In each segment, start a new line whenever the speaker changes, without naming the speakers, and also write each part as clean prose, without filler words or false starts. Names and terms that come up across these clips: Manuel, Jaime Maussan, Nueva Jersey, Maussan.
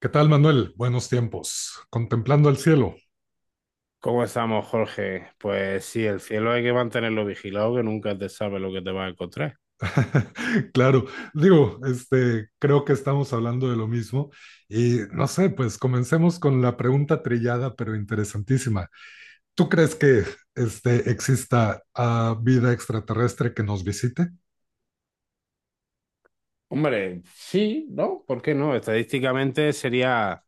¿Qué tal, Manuel? Buenos tiempos, contemplando el cielo.
¿Cómo estamos, Jorge? Pues sí, el cielo hay que mantenerlo vigilado, que nunca te sabe lo que te vas a encontrar.
Claro, digo, creo que estamos hablando de lo mismo y no sé, pues comencemos con la pregunta trillada pero interesantísima. ¿Tú crees que exista vida extraterrestre que nos visite?
Hombre, sí, ¿no? ¿Por qué no? Estadísticamente sería,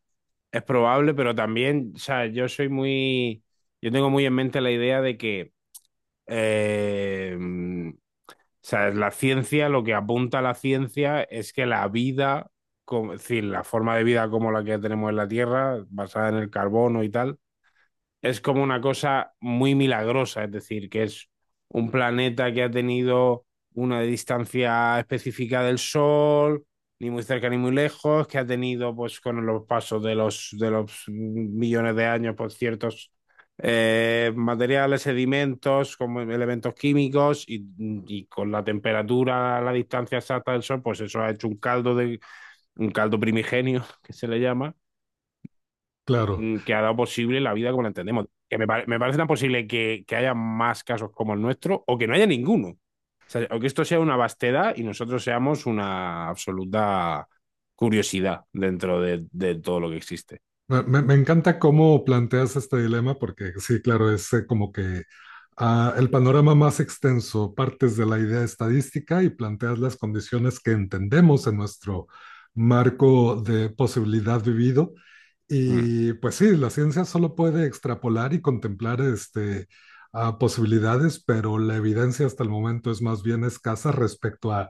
es probable, pero también, o sea, yo soy muy, yo tengo muy en mente la idea de que, o sea, la ciencia, lo que apunta a la ciencia es que la vida, es decir, la forma de vida como la que tenemos en la Tierra, basada en el carbono y tal, es como una cosa muy milagrosa, es decir, que es un planeta que ha tenido una distancia específica del Sol, ni muy cerca ni muy lejos, que ha tenido, pues, con los pasos de los millones de años, pues, ciertos materiales, sedimentos, como elementos químicos, y con la temperatura, la distancia exacta del Sol, pues eso ha hecho un un caldo primigenio, que se le llama,
Claro,
que ha dado posible la vida como la entendemos. Que me parece tan posible que haya más casos como el nuestro o que no haya ninguno. O sea, o que esto sea una vastedad y nosotros seamos una absoluta curiosidad dentro de todo lo que existe.
me encanta cómo planteas este dilema porque sí, claro, es como que a el panorama más extenso, partes de la idea estadística y planteas las condiciones que entendemos en nuestro marco de posibilidad vivido
Mm.
y pues sí, la ciencia solo puede extrapolar y contemplar a posibilidades, pero la evidencia hasta el momento es más bien escasa respecto a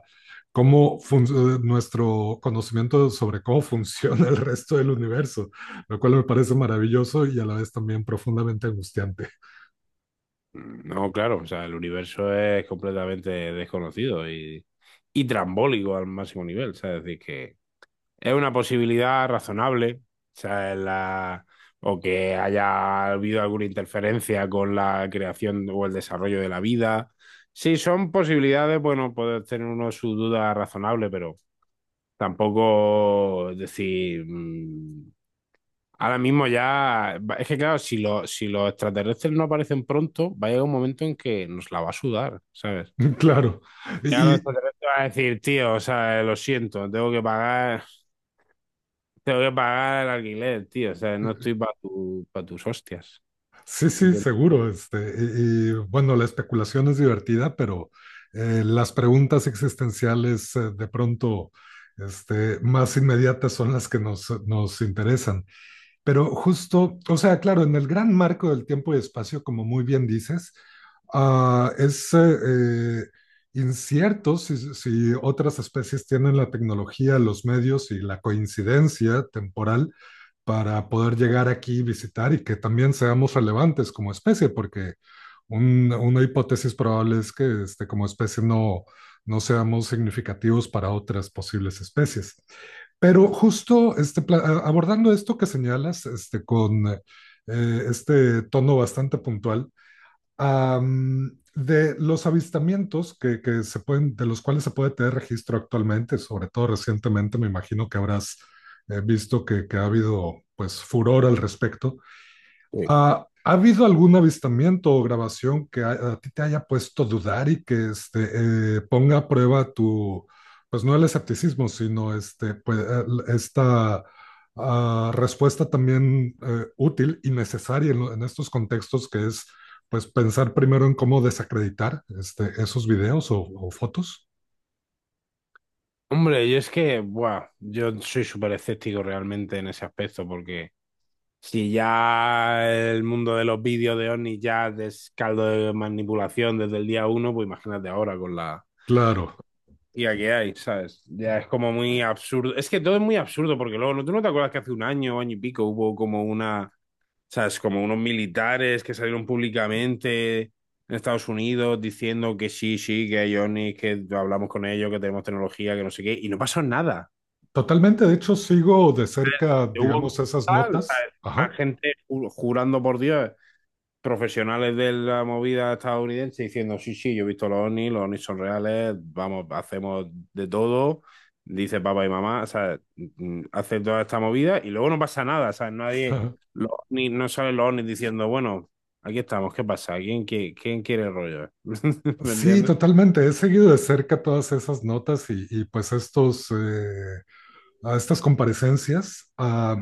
cómo fun- nuestro conocimiento sobre cómo funciona el resto del universo, lo cual me parece maravilloso y a la vez también profundamente angustiante.
Mm, no, claro, o sea, el universo es completamente desconocido y trambólico al máximo nivel. O sea, es decir, que es una posibilidad razonable, sea, la- o que haya habido alguna interferencia con la creación o el desarrollo de la vida. Sí, son posibilidades, bueno, puede tener uno su duda razonable, pero tampoco decir, ahora mismo ya, es que claro, si los extraterrestres no aparecen pronto, va a llegar un momento en que nos la va a sudar, ¿sabes?
Claro,
Ya los
y,
extraterrestres van a decir, tío, o sea, lo siento, tengo que pagar. Tengo que pagar el alquiler, tío. O sea, no estoy para pa' tus hostias.
Sí, sí,
Sí.
seguro. Bueno, la especulación es divertida, pero las preguntas existenciales de pronto más inmediatas son las que nos interesan. Pero justo, o sea, claro, en el gran marco del tiempo y espacio, como muy bien dices, ah, es eh, incierto si otras especies tienen la tecnología, los medios y la coincidencia temporal para poder llegar aquí, visitar y que también seamos relevantes como especie, porque una hipótesis probable es que como especie, no seamos significativos para otras posibles especies. Pero justo abordando esto que señalas, con este tono bastante puntual. De los avistamientos que se pueden, de los cuales se puede tener registro actualmente, sobre todo recientemente, me imagino que habrás visto que ha habido pues furor al respecto. ¿Ha habido algún avistamiento o grabación que a ti te haya puesto a dudar y que ponga a prueba tu, pues no el escepticismo, sino pues, esta respuesta también útil y necesaria en, en estos contextos, que es pues pensar primero en cómo desacreditar esos videos o fotos?
Hombre, yo es que, buah, yo soy súper escéptico realmente en ese aspecto, porque si ya el mundo de los vídeos de Oni ya es caldo de manipulación desde el día uno, pues imagínate ahora con la
Claro,
IA que hay, ¿sabes? Ya es como muy absurdo. Es que todo es muy absurdo, porque luego, ¿tú no te acuerdas que hace un año, año y pico, hubo como una... ¿Sabes? Como unos militares que salieron públicamente en Estados Unidos diciendo que sí, sí, que hay OVNIs, que hablamos con ellos, que tenemos tecnología, que no sé qué, y no pasó nada.
totalmente. De hecho, sigo de cerca,
Hubo
digamos, esas
tal,
notas.
¿sabes?
Ajá.
Jurando por Dios, profesionales de la movida estadounidense diciendo, sí, sí, yo he visto los ovnis son reales, vamos, hacemos de todo, dice papá y mamá, o sea, hace toda esta movida y luego no pasa nada, ¿sabes? Nadie, los ovnis, no salen los ovnis diciendo, bueno, aquí estamos, ¿qué pasa? ¿Quién quiere el rollo? ¿Me
Sí,
entiendes?
totalmente. He seguido de cerca todas esas notas y pues a estas comparecencias.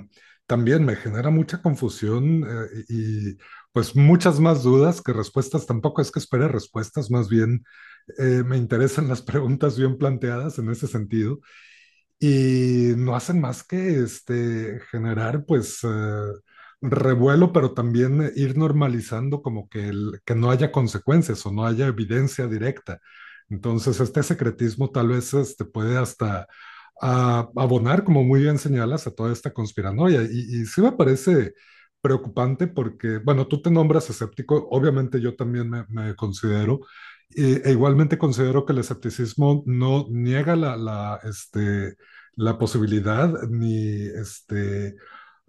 También me genera mucha confusión pues muchas más dudas que respuestas. Tampoco es que espere respuestas, más bien me interesan las preguntas bien planteadas en ese sentido y no hacen más que generar pues revuelo, pero también ir normalizando como que, que no haya consecuencias o no haya evidencia directa. Entonces, este secretismo tal vez puede hasta abonar, como muy bien señalas, a toda esta conspiranoia. Y sí me parece preocupante porque, bueno, tú te nombras escéptico, obviamente yo también me considero. Igualmente considero que el escepticismo no niega la posibilidad, ni este,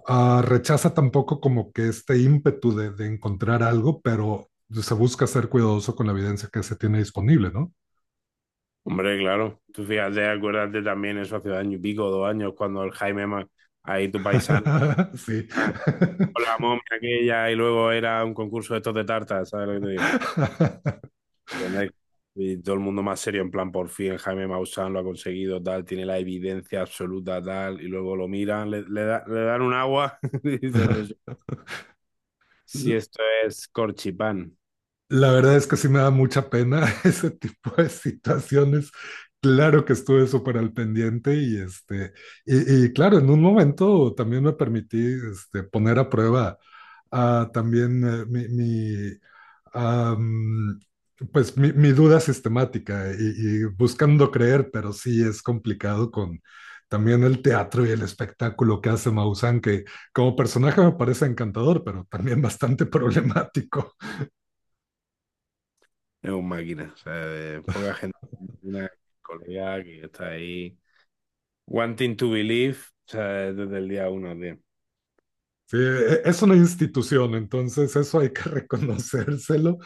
ah, rechaza tampoco como que este ímpetu de encontrar algo, pero se busca ser cuidadoso con la evidencia que se tiene disponible, ¿no?
Hombre, claro, tú fíjate, acuérdate también eso hace año y pico, dos años, cuando el ahí tu paisano,
Sí.
con la momia aquella y luego era un concurso de estos de tartas, ¿sabes lo que te digo? ¿Entiendes? Y todo el mundo más serio, en plan, por fin Jaime Maussan lo ha conseguido, tal, tiene la evidencia absoluta, tal, y luego lo miran, le dan un agua, y dicen, pues, si esto es corchipán,
La verdad es que sí me da mucha pena ese tipo de situaciones. Claro que estuve súper al pendiente y y claro, en un momento también me permití poner a prueba ah, también mi, mi, am, pues mi duda sistemática y buscando creer, pero sí es complicado con también el teatro y el espectáculo que hace Maussan, que como personaje me parece encantador, pero también bastante problemático.
es un máquina, o sea, de poca gente, una colega que está ahí, wanting to believe, o sea, desde el día uno, tío.
Sí, es una institución, entonces eso hay que reconocérselo,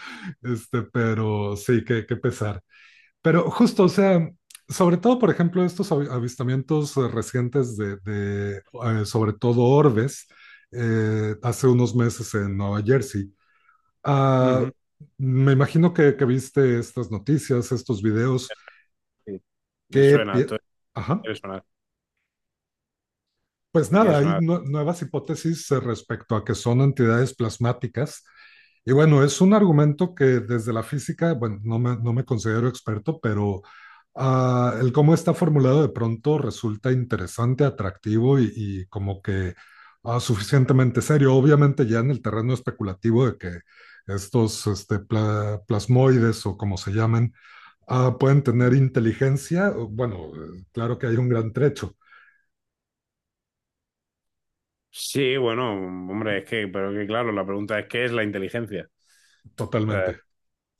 pero sí, qué, qué pesar. Pero justo, o sea, sobre todo, por ejemplo, estos avistamientos recientes sobre todo orbes, hace unos meses en Nueva Jersey. Ah,
Ujú,
Me imagino que viste estas noticias, estos videos,
sí, me
que...
suena, esto me
Ajá.
quiere sonar,
Pues
me quiere
nada, hay
sonar.
nuevas hipótesis respecto a que son entidades plasmáticas. Y bueno, es un argumento que desde la física, bueno, no me considero experto, pero el cómo está formulado de pronto resulta interesante, atractivo y como que suficientemente serio. Obviamente ya en el terreno especulativo de que plasmoides o como se llamen, pueden tener inteligencia, bueno, claro que hay un gran trecho,
Sí, bueno, hombre, es que, pero que claro, la pregunta es, ¿qué es la inteligencia?
totalmente.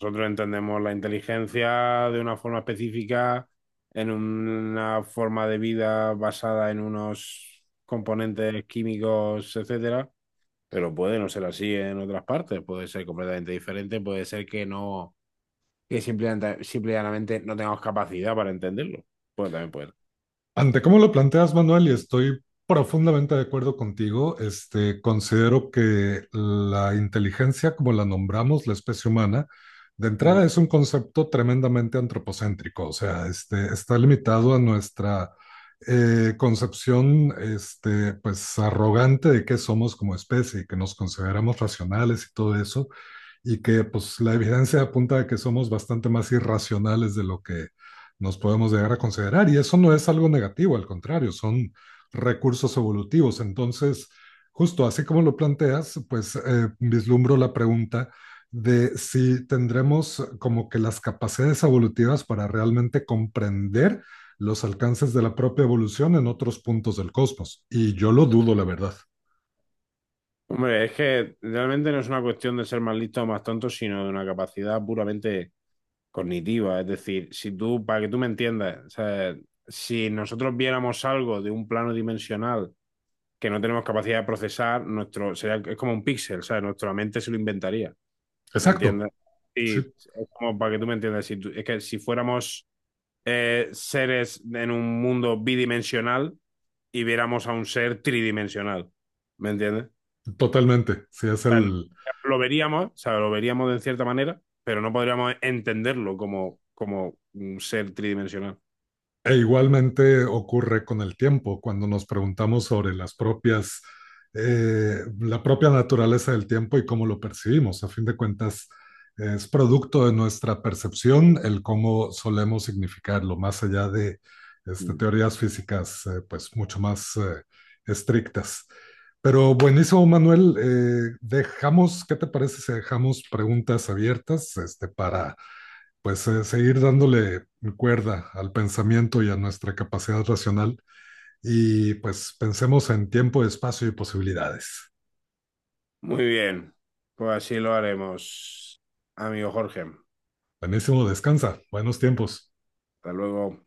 Nosotros entendemos la inteligencia de una forma específica, en una forma de vida basada en unos componentes químicos, etcétera, pero puede no ser así en otras partes, puede ser completamente diferente, puede ser que no, que simplemente no tengamos capacidad para entenderlo. Pues también puede ser.
Ante cómo lo planteas, Manuel, y estoy profundamente de acuerdo contigo, considero que la inteligencia, como la nombramos la especie humana, de
Mm.
entrada es un concepto tremendamente antropocéntrico, o sea, está limitado a nuestra concepción, pues, arrogante de qué somos como especie y que nos consideramos racionales y todo eso y que pues la evidencia apunta a que somos bastante más irracionales de lo que nos podemos llegar a considerar y eso no es algo negativo, al contrario, son recursos evolutivos. Entonces, justo así como lo planteas, pues vislumbro la pregunta de si tendremos como que las capacidades evolutivas para realmente comprender los alcances de la propia evolución en otros puntos del cosmos. Y yo lo dudo, la verdad.
Hombre, es que realmente no es una cuestión de ser más listo o más tonto, sino de una capacidad puramente cognitiva. Es decir, si tú, para que tú me entiendas, o sea, si nosotros viéramos algo de un plano dimensional que no tenemos capacidad de procesar, es como un píxel, ¿sabes? Nuestra mente se lo inventaría, ¿me
Exacto,
entiendes? Sí,
sí,
es como para que tú me entiendas, es que si fuéramos seres en un mundo bidimensional y viéramos a un ser tridimensional, ¿me entiendes? O
totalmente.
sea, lo veríamos, o sea, lo veríamos de cierta manera, pero no podríamos entenderlo como, como un ser tridimensional.
E igualmente ocurre con el tiempo, cuando nos preguntamos sobre la propia naturaleza del tiempo y cómo lo percibimos. A fin de cuentas, es producto de nuestra percepción el cómo solemos significarlo, más allá de
Mm.
teorías físicas pues mucho más estrictas. Pero buenísimo, Manuel. Dejamos, ¿qué te parece si dejamos preguntas abiertas para pues seguir dándole cuerda al pensamiento y a nuestra capacidad racional y pues pensemos en tiempo, espacio y posibilidades.
Muy bien, pues así lo haremos, amigo Jorge. Hasta
Buenísimo, descansa, buenos tiempos.
luego.